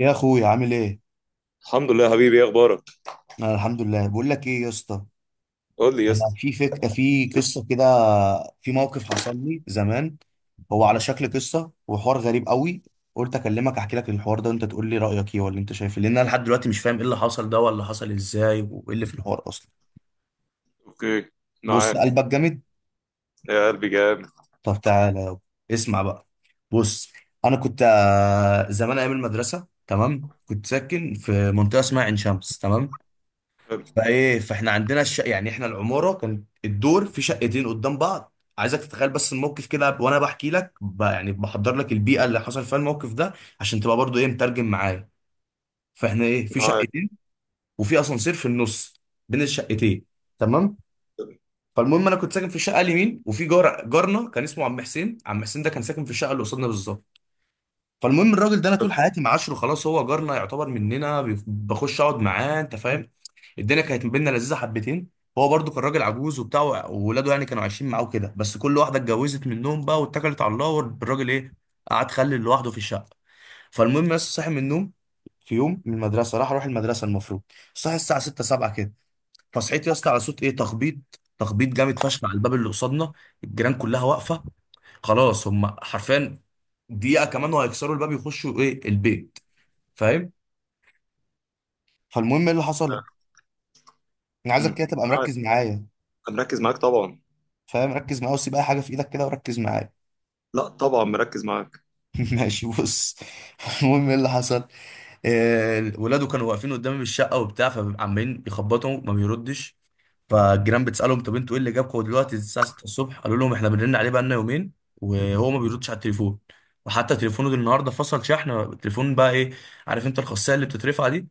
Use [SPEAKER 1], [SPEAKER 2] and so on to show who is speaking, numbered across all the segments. [SPEAKER 1] يا اخويا عامل ايه؟
[SPEAKER 2] الحمد لله يا حبيبي، ايه اخبارك؟
[SPEAKER 1] انا الحمد لله. بقول لك ايه يا اسطى،
[SPEAKER 2] قول لي يا
[SPEAKER 1] انا
[SPEAKER 2] اسطى.
[SPEAKER 1] في في قصه كده، في موقف حصل لي زمان. هو على شكل قصه وحوار غريب قوي، قلت اكلمك احكي لك الحوار ده وانت تقول لي رايك ايه، ولا انت شايف إيه، لان انا لحد دلوقتي مش فاهم ايه اللي حصل ده، ولا حصل ازاي، وايه اللي في الحوار اصلا.
[SPEAKER 2] اوكي،
[SPEAKER 1] بص
[SPEAKER 2] معاك.
[SPEAKER 1] قلبك جامد؟
[SPEAKER 2] يا قلبي جامد.
[SPEAKER 1] طب تعالى يابا. اسمع بقى. بص، انا كنت زمان ايام المدرسه، تمام، كنت ساكن في منطقه اسمها عين شمس، تمام.
[SPEAKER 2] حلو.
[SPEAKER 1] فايه، فاحنا عندنا يعني احنا العماره كان الدور في شقتين قدام بعض، عايزك تتخيل بس الموقف كده، وانا بحكي لك يعني بحضر لك البيئه اللي حصل فيها الموقف ده، عشان تبقى برضو ايه، مترجم معايا. فاحنا ايه، في
[SPEAKER 2] معاك.
[SPEAKER 1] شقتين، وفي اسانسير في النص بين الشقتين، تمام. فالمهم، انا كنت ساكن في الشقه اليمين، وفي جار، جارنا كان اسمه عم حسين. عم حسين ده كان ساكن في الشقه اللي قصادنا بالظبط. فالمهم الراجل ده انا طول
[SPEAKER 2] حلو.
[SPEAKER 1] حياتي معاشره، خلاص هو جارنا يعتبر، مننا، بخش اقعد معاه، انت فاهم. الدنيا كانت ما بيننا لذيذه حبتين. هو برضو كان راجل عجوز وبتاع، وولاده يعني كانوا عايشين معاه كده، بس كل واحده اتجوزت منهم بقى واتكلت على الله، والراجل ايه، قعد خلي لوحده في الشقه. فالمهم، بس صاحي من النوم في يوم من المدرسه، راح اروح المدرسه المفروض. صاحي الساعه 6 7 كده. فصحيت يا اسطى على صوت ايه، تخبيط. تخبيط جامد فشخ على الباب اللي قصادنا، الجيران كلها واقفه، خلاص هم حرفيا دقيقه كمان وهيكسروا الباب يخشوا ايه، البيت، فاهم. فالمهم ايه اللي حصل، انا عايزك
[SPEAKER 2] أمم،
[SPEAKER 1] كده تبقى
[SPEAKER 2] معاك.
[SPEAKER 1] مركز معايا.
[SPEAKER 2] أنا مركز معاك طبعا.
[SPEAKER 1] فاهم، ركز معايا وسيب اي حاجه في ايدك كده وركز معايا.
[SPEAKER 2] لا طبعا مركز معاك.
[SPEAKER 1] ماشي، بص. المهم ايه اللي حصل، ولاده كانوا واقفين قدامي بالشقه وبتاع، فعمالين يخبطوا ما بيردش. فالجيران بتسالهم طب انتوا ايه اللي جابكم دلوقتي الساعه 6 الصبح؟ قالوا لهم احنا بنرن عليه بقالنا يومين وهو ما بيردش على التليفون، وحتى تليفونه ده النهارده فصل، شحن التليفون بقى ايه، عارف انت الخاصيه اللي بتترفع دي؟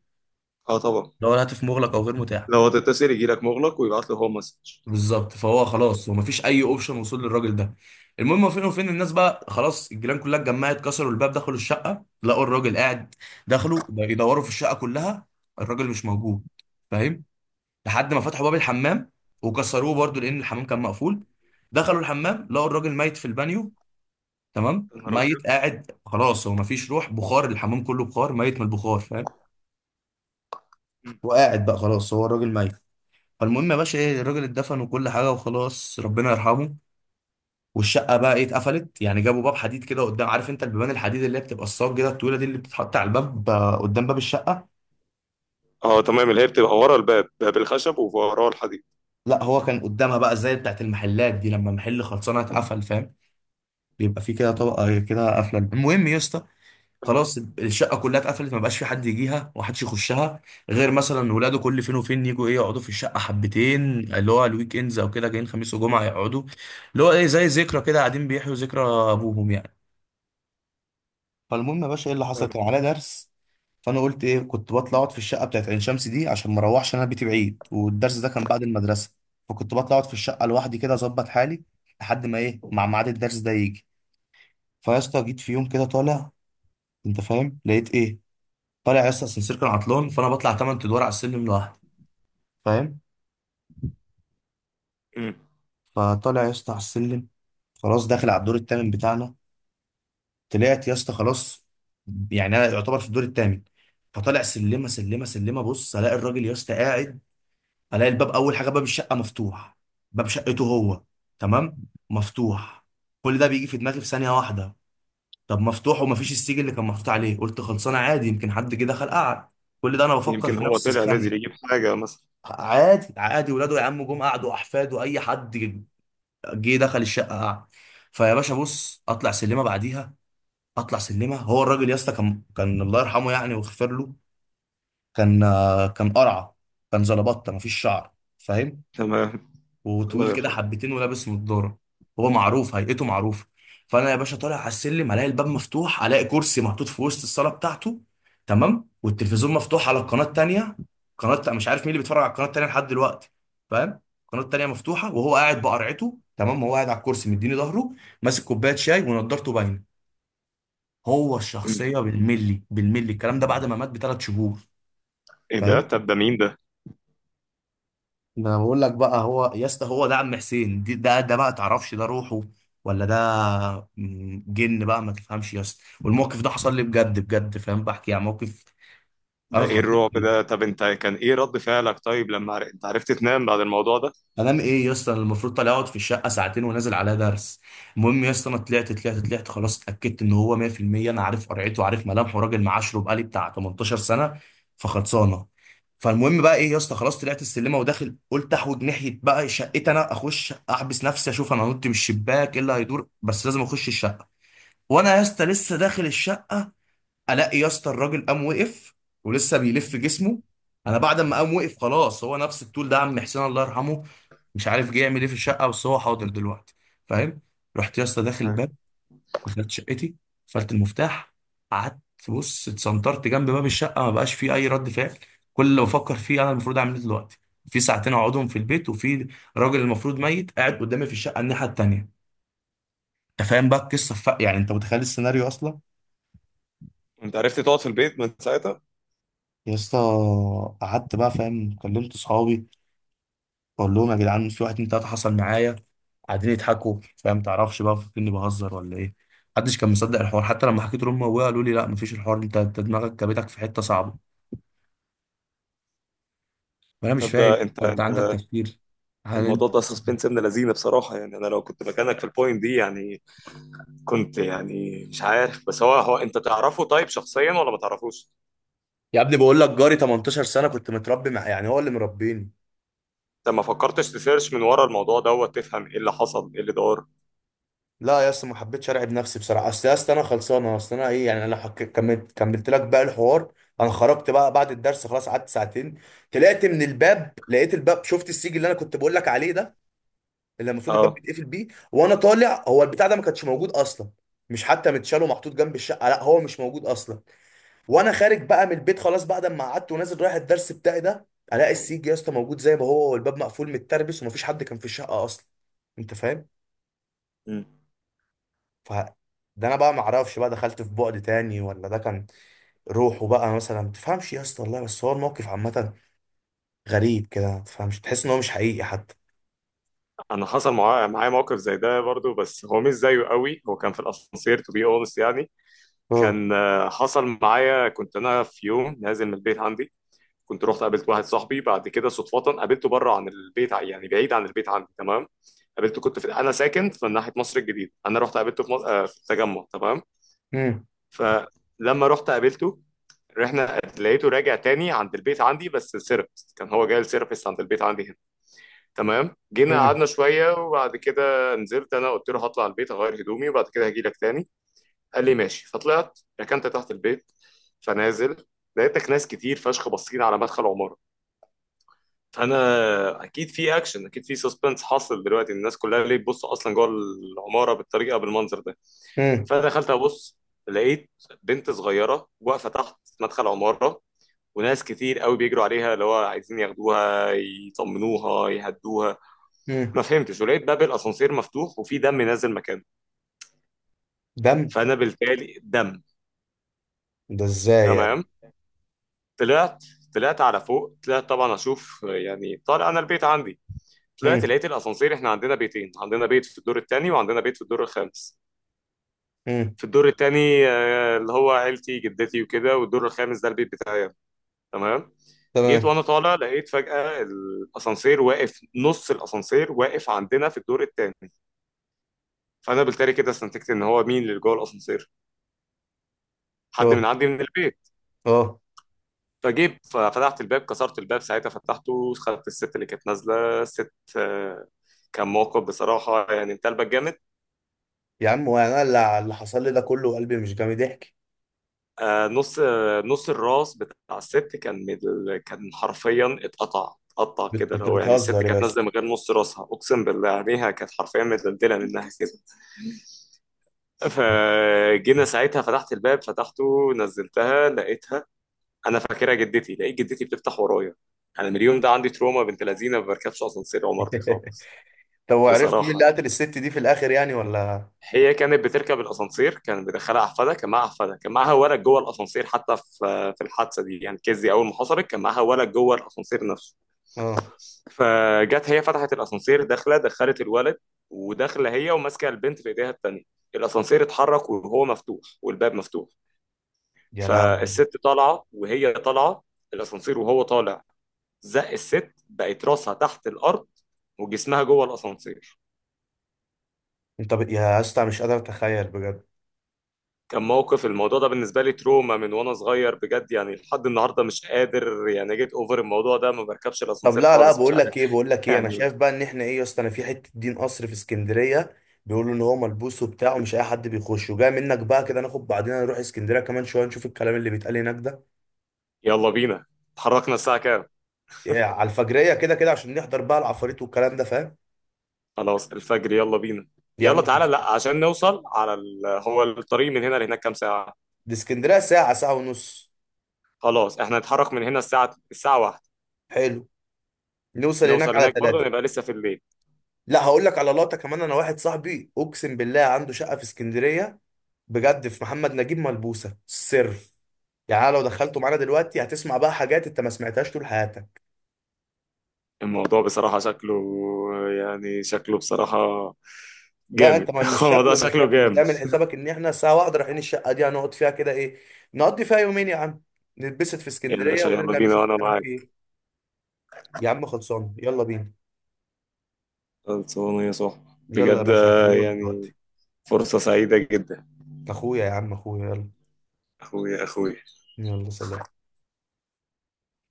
[SPEAKER 2] اه طبعا.
[SPEAKER 1] اللي هو الهاتف مغلق او غير متاح.
[SPEAKER 2] لو هتتصل يجي لك مغلق ويبعت له هو مسج.
[SPEAKER 1] بالظبط، فهو خلاص، هو مفيش اي اوبشن وصول للراجل ده. المهم فين وفين، الناس بقى خلاص الجيران كلها اتجمعت، كسروا الباب، دخلوا الشقه، لقوا الراجل قاعد. دخلوا يدوروا في الشقه كلها، الراجل مش موجود، فاهم. لحد ما فتحوا باب الحمام وكسروه برضو، لان الحمام كان مقفول. دخلوا الحمام، لقوا الراجل ميت في البانيو، تمام.
[SPEAKER 2] يا نهار ابيض.
[SPEAKER 1] ميت، قاعد، خلاص هو مفيش روح، بخار الحمام كله بخار، ميت من البخار، فاهم.
[SPEAKER 2] أمم.
[SPEAKER 1] وقاعد بقى خلاص هو، الراجل ميت. فالمهم يا باشا ايه، الراجل اتدفن وكل حاجه، وخلاص ربنا يرحمه. والشقه بقى ايه، اتقفلت، يعني جابوا باب حديد كده قدام، عارف انت البيبان الحديد اللي هي بتبقى الصاج كده الطويله دي اللي بتتحط على الباب، قدام باب الشقه.
[SPEAKER 2] اه تمام، اللي هي بتبقى ورا الباب، باب الخشب ووراه الحديد.
[SPEAKER 1] لا هو كان قدامها بقى، زي بتاعت المحلات دي لما محل خلصانه اتقفل، فاهم، بيبقى في كده طبقه كده قافله. المهم يا اسطى،
[SPEAKER 2] تمام.
[SPEAKER 1] خلاص الشقه كلها اتقفلت، ما بقاش في حد يجيها ومحدش يخشها، غير مثلا ولاده كل فين وفين يجوا ايه، يقعدوا في الشقه حبتين، اللي هو الويك اندز او كده، جايين خميس وجمعه يقعدوا، اللي هو ايه، زي ذكرى كده، قاعدين بيحيوا ذكرى ابوهم يعني. فالمهم يا باشا ايه اللي حصل،
[SPEAKER 2] حلو.
[SPEAKER 1] كان عليا درس. فانا قلت ايه، كنت بطلع اقعد في الشقه بتاعت عين شمس دي، عشان ما اروحش انا، بيتي بعيد، والدرس ده كان بعد المدرسه. فكنت بطلع اقعد في الشقه لوحدي كده، اظبط حالي لحد ما ايه، مع ميعاد الدرس ده يجي. فيا اسطى جيت في يوم كده طالع، انت فاهم، لقيت ايه. طالع يا اسطى، السنسير كان عطلان، فانا بطلع 8 ادوار على السلم لوحدي، فاهم.
[SPEAKER 2] أمم.
[SPEAKER 1] فطالع يا اسطى على السلم، خلاص داخل على الدور الثامن بتاعنا. طلعت يا اسطى، خلاص، يعني انا يعتبر في الدور الثامن. فطالع سلمه سلمه سلمه، بص الاقي الراجل يا اسطى قاعد. الاقي الباب، اول حاجه، باب الشقه مفتوح. باب شقته هو، تمام، مفتوح. كل ده بيجي في دماغي في ثانيه واحده. طب مفتوح ومفيش السيج اللي كان محطوط عليه، قلت خلصانه عادي، يمكن حد جه دخل قعد. كل ده انا بفكر
[SPEAKER 2] يمكن
[SPEAKER 1] في
[SPEAKER 2] هو
[SPEAKER 1] نفس
[SPEAKER 2] طلع نازل
[SPEAKER 1] الثانيه.
[SPEAKER 2] يجيب حاجه مثلا.
[SPEAKER 1] عادي عادي، ولاده يا عم، جم قعدوا، احفاده، اي حد جه دخل الشقه قعد. فيا باشا، بص، اطلع سلمه بعديها، اطلع سلمه، هو الراجل يا اسطى كان، الله يرحمه يعني ويغفر له، كان كان قرعه، كان زلبطه، مفيش شعر، فاهم،
[SPEAKER 2] تمام. الله
[SPEAKER 1] وطويل كده
[SPEAKER 2] يرحمه.
[SPEAKER 1] حبتين، ولابس نضاره. هو معروف، هيئته معروفه. فانا يا باشا طالع على السلم، الاقي الباب مفتوح، الاقي كرسي محطوط في وسط الصاله بتاعته، تمام، والتلفزيون مفتوح على القناه التانيه. قناه مش عارف مين اللي بيتفرج على القناه التانيه لحد دلوقتي، فاهم. القناه التانيه مفتوحه، وهو قاعد بقرعته، تمام، هو قاعد على الكرسي، مديني ظهره، ماسك كوبايه شاي، ونضارته باينه، هو
[SPEAKER 2] أمم.
[SPEAKER 1] الشخصيه بالملي بالملي. الكلام ده بعد ما مات بثلاث شهور،
[SPEAKER 2] ايه ده؟
[SPEAKER 1] فاهم.
[SPEAKER 2] طب ده مين ده؟
[SPEAKER 1] ده انا بقول لك بقى، هو يا اسطى هو ده عم حسين دي، ده ده بقى تعرفش، ده روحه ولا ده جن بقى ما تفهمش يا اسطى، والموقف ده حصل لي بجد بجد، فاهم، بحكي يعني موقف انا
[SPEAKER 2] ده ايه
[SPEAKER 1] اتحطيت
[SPEAKER 2] الرعب
[SPEAKER 1] فيه.
[SPEAKER 2] ده؟ طب انت كان ايه رد فعلك؟ طيب لما انت عرفت تنام بعد الموضوع ده؟
[SPEAKER 1] انام ايه يا اسطى، انا المفروض طالع اقعد في الشقه ساعتين، ونازل على درس. المهم يا اسطى، انا طلعت طلعت طلعت، خلاص اتاكدت ان هو 100%. انا عارف قرعته، عارف ملامحه، راجل معاشره بقالي بتاع 18 سنه، فخلصانه. فالمهم بقى ايه يا اسطى، خلاص طلعت السلمه وداخل، قلت احوج ناحيه بقى شقتي انا، اخش احبس نفسي، اشوف انا نط من الشباك ايه اللي هيدور، بس لازم اخش الشقه. وانا يا اسطى لسه داخل الشقه، الاقي يا اسطى الراجل قام وقف ولسه بيلف جسمه. انا بعد ما قام وقف، خلاص هو نفس الطول ده، عم حسين الله يرحمه، مش عارف جه يعمل ايه في الشقه، بس هو حاضر دلوقتي، فاهم. رحت يا اسطى داخل
[SPEAKER 2] أيوة.
[SPEAKER 1] الباب، دخلت شقتي، قفلت المفتاح، قعدت. بص اتسنطرت جنب باب الشقه، ما بقاش فيه اي رد فعل. كل اللي بفكر فيه، انا المفروض اعمل ايه دلوقتي؟ في ساعتين اقعدهم في البيت، وفي راجل المفروض ميت قاعد قدامي في الشقه الناحيه التانيه. انت فاهم بقى القصه، يعني انت متخيل السيناريو اصلا.
[SPEAKER 2] انت عرفت تقعد في البيت من ساعتها؟
[SPEAKER 1] يا اسطى قعدت بقى، فاهم، كلمت صحابي بقول لهم يا جدعان في واحد اتنين تلاته حصل معايا، قاعدين يضحكوا، فاهم، تعرفش بقى، فاكرني اني بهزر ولا ايه. محدش كان مصدق الحوار، حتى لما حكيت لهم، ابويا قالوا لي لا مفيش الحوار ده، انت دماغك جابتك في حته صعبه، وانا مش
[SPEAKER 2] تبدا
[SPEAKER 1] فاهم.
[SPEAKER 2] انت
[SPEAKER 1] انت عندك
[SPEAKER 2] انت
[SPEAKER 1] تفكير، هل
[SPEAKER 2] الموضوع
[SPEAKER 1] انت؟
[SPEAKER 2] ده سسبنس ابن لذينه بصراحه، يعني انا لو كنت مكانك في البوينت دي يعني كنت يعني مش عارف. بس هو انت تعرفه طيب شخصيا ولا ما تعرفوش؟
[SPEAKER 1] يا ابني بقول لك جاري 18 سنه، كنت متربي مع، يعني هو اللي مربيني.
[SPEAKER 2] انت ما فكرتش تسيرش من ورا الموضوع دوت تفهم ايه اللي حصل ايه اللي دار؟
[SPEAKER 1] لا يا اسطى ما حبيتش ارعب نفسي بصراحه، اصل يا اسطى انا خلصانه، اصل انا ايه يعني، انا لو كملت، كملت لك بقى الحوار. انا خرجت بقى بعد الدرس، خلاص قعدت ساعتين، طلعت من الباب، لقيت الباب، شفت السيج اللي انا كنت بقول لك عليه ده، اللي المفروض الباب
[SPEAKER 2] اه.
[SPEAKER 1] بيتقفل بيه، وانا طالع هو البتاع ده ما كانش موجود اصلا، مش حتى متشال ومحطوط جنب الشقه، لا هو مش موجود اصلا. وانا خارج بقى من البيت، خلاص بعد ما قعدت ونازل رايح الدرس بتاعي ده، الاقي السيج يا اسطى موجود زي ما هو، والباب مقفول متربس، ومفيش حد كان في الشقه اصلا، انت فاهم.
[SPEAKER 2] مم.
[SPEAKER 1] ف ده انا بقى ما اعرفش بقى، دخلت في بعد تاني، ولا ده كان روحه بقى مثلا، ما تفهمش يا اسطى والله، بس هو الموقف عامه غريب كده ما تفهمش، تحس ان هو مش حقيقي حتى.
[SPEAKER 2] انا حصل معايا موقف زي ده برضو، بس هو مش زيه قوي. هو كان في الاسانسير تو بي اونست يعني.
[SPEAKER 1] اه.
[SPEAKER 2] كان حصل معايا، كنت انا في يوم نازل من البيت عندي، كنت رحت قابلت واحد صاحبي بعد كده صدفة، قابلته بره عن البيت يعني بعيد عن البيت عندي تمام. قابلته كنت في، انا ساكن في ناحية مصر الجديدة، انا رحت قابلته في مصر في التجمع تمام.
[SPEAKER 1] امم.
[SPEAKER 2] فلما رحت قابلته رحنا، لقيته راجع تاني عند البيت عندي، بس السيرفيس كان هو جاي السيرفيس عند البيت عندي هنا. تمام، جينا
[SPEAKER 1] امم.
[SPEAKER 2] قعدنا شوية وبعد كده نزلت انا. قلت له هطلع البيت اغير هدومي وبعد كده هجي لك تاني. قال لي ماشي. فطلعت ركنت تحت البيت، فنازل لقيتك ناس كتير فشخ باصين على مدخل عمارة. انا اكيد في اكشن، اكيد في سسبنس حاصل دلوقتي، الناس كلها ليه تبص اصلا جوه العماره بالطريقه بالمنظر ده.
[SPEAKER 1] امم.
[SPEAKER 2] فدخلت ابص، لقيت بنت صغيره واقفه تحت مدخل عماره، وناس كتير قوي بيجروا عليها اللي هو عايزين ياخدوها يطمنوها يهدوها.
[SPEAKER 1] امم.
[SPEAKER 2] ما فهمتش. ولقيت باب الاسانسير مفتوح وفي دم نازل مكانه.
[SPEAKER 1] دم؟
[SPEAKER 2] فانا بالتالي دم.
[SPEAKER 1] ده ازاي يعني؟
[SPEAKER 2] تمام. طلعت، طلعت على فوق، طلعت طبعا اشوف، يعني طالع انا البيت عندي. طلعت
[SPEAKER 1] امم.
[SPEAKER 2] لقيت الاسانسير، احنا عندنا بيتين، عندنا بيت في الدور الثاني وعندنا بيت في الدور الخامس.
[SPEAKER 1] امم.
[SPEAKER 2] في الدور الثاني اللي هو عيلتي جدتي وكده، والدور الخامس ده البيت بتاعي. تمام. جيت
[SPEAKER 1] تمام.
[SPEAKER 2] وانا طالع لقيت فجأة الاسانسير واقف، نص الاسانسير واقف عندنا في الدور الثاني. فانا بالتالي كده استنتجت ان هو مين اللي جوه الاسانسير، حد
[SPEAKER 1] اه.
[SPEAKER 2] من عندي من البيت.
[SPEAKER 1] اه.
[SPEAKER 2] فجيت ففتحت الباب، كسرت الباب ساعتها، فتحته، خدت الست اللي كانت نازله الست. كان موقف بصراحه، يعني انت قلبك جامد.
[SPEAKER 1] يا عم، وانا اللي اللي حصل لي ده كله قلبي مش جامد، ضحك.
[SPEAKER 2] نص نص الراس بتاع الست كان من كان حرفيا اتقطع، اتقطع كده.
[SPEAKER 1] انت
[SPEAKER 2] لو يعني الست
[SPEAKER 1] بتهزر يا
[SPEAKER 2] كانت
[SPEAKER 1] اسطى؟
[SPEAKER 2] نازله من غير نص راسها، اقسم بالله عليها كانت حرفيا متدلدله منها كده. فجينا ساعتها فتحت الباب، فتحته نزلتها، لقيتها انا فاكرها جدتي، لقيت جدتي بتفتح ورايا. انا من اليوم ده عندي تروما بنت لذينه، ما بركبش اسانسير عمارتي خالص.
[SPEAKER 1] طب وعرفت مين
[SPEAKER 2] بصراحه
[SPEAKER 1] اللي
[SPEAKER 2] يعني،
[SPEAKER 1] قتل الست دي في الاخر يعني ولا؟
[SPEAKER 2] هي كانت بتركب الاسانسير كان بيدخلها احفادها، كان معاها احفادها، كان معاها ولد جوه الاسانسير حتى في الحادثه دي يعني، كيزي اول ما حصلت كان معاها ولد جوه الاسانسير نفسه.
[SPEAKER 1] اه.
[SPEAKER 2] فجت هي فتحت الاسانسير داخله، دخلت الولد وداخله هي وماسكه البنت في ايديها التانيه. الاسانسير اتحرك وهو مفتوح والباب مفتوح.
[SPEAKER 1] يا لهوي.
[SPEAKER 2] فالست طالعه وهي طالعه، الاسانسير وهو طالع زق الست، بقت راسها تحت الارض وجسمها جوه الاسانسير.
[SPEAKER 1] يا اسطى مش قادر اتخيل بجد.
[SPEAKER 2] كان موقف. الموضوع ده بالنسبة لي تروما من وانا صغير بجد، يعني لحد النهاردة مش قادر يعني جيت اوفر الموضوع ده. ما بركبش
[SPEAKER 1] طب،
[SPEAKER 2] الاسانسير
[SPEAKER 1] لا لا،
[SPEAKER 2] خالص، مش
[SPEAKER 1] بقول
[SPEAKER 2] عارف.
[SPEAKER 1] لك ايه، بقول لك ايه، انا
[SPEAKER 2] يعني
[SPEAKER 1] شايف بقى ان احنا ايه يا اسطى، انا في حته دين قصر في اسكندريه، بيقولوا ان هو ملبوس وبتاع، ومش اي حد بيخشه، جاي منك بقى كده ناخد بعضنا نروح اسكندريه كمان شويه، نشوف الكلام اللي بيتقال هناك ده.
[SPEAKER 2] يلا بينا. اتحركنا الساعة كام؟
[SPEAKER 1] إيه، على الفجريه كده كده، عشان نحضر بقى العفاريت والكلام ده، فاهم
[SPEAKER 2] خلاص الفجر، يلا بينا. يلا
[SPEAKER 1] يعني.
[SPEAKER 2] تعالى، لا عشان نوصل على ال... هو الطريق من هنا لهناك كام ساعة؟
[SPEAKER 1] دي اسكندريه ساعه، ساعه ونص.
[SPEAKER 2] خلاص احنا هنتحرك من هنا الساعة، الساعة واحدة.
[SPEAKER 1] حلو، نوصل هناك
[SPEAKER 2] نوصل
[SPEAKER 1] على
[SPEAKER 2] هناك برضه
[SPEAKER 1] ثلاثة.
[SPEAKER 2] نبقى لسه في الليل.
[SPEAKER 1] لا هقول لك على لقطه كمان، انا واحد صاحبي اقسم بالله عنده شقه في اسكندريه، بجد، في محمد نجيب، ملبوسه سر يعني، أنا لو دخلته معانا دلوقتي هتسمع بقى حاجات انت ما سمعتهاش طول حياتك.
[SPEAKER 2] الموضوع بصراحة شكله، يعني شكله بصراحة
[SPEAKER 1] لا
[SPEAKER 2] جامد.
[SPEAKER 1] انت، مش
[SPEAKER 2] الموضوع
[SPEAKER 1] شكله، مش
[SPEAKER 2] شكله
[SPEAKER 1] شكله، انت
[SPEAKER 2] جامد.
[SPEAKER 1] اعمل حسابك ان احنا الساعه واحدة رايحين الشقه دي، هنقعد فيها كده ايه، نقضي فيها يومين يا عم، نتبسط في
[SPEAKER 2] يا
[SPEAKER 1] اسكندريه
[SPEAKER 2] باشا يلا
[SPEAKER 1] ونرجع،
[SPEAKER 2] بينا،
[SPEAKER 1] نشوف
[SPEAKER 2] وانا
[SPEAKER 1] الكلام فيه
[SPEAKER 2] معاك.
[SPEAKER 1] ايه. يا عم خلصان، يلا بينا.
[SPEAKER 2] خلصانة يا صاحبي.
[SPEAKER 1] يلا يا
[SPEAKER 2] بجد
[SPEAKER 1] باشا هكلمك
[SPEAKER 2] يعني
[SPEAKER 1] دلوقتي.
[SPEAKER 2] فرصة سعيدة جدا.
[SPEAKER 1] اخويا يا عم، اخويا، يلا.
[SPEAKER 2] أخويا أخويا.
[SPEAKER 1] يلا، سلام.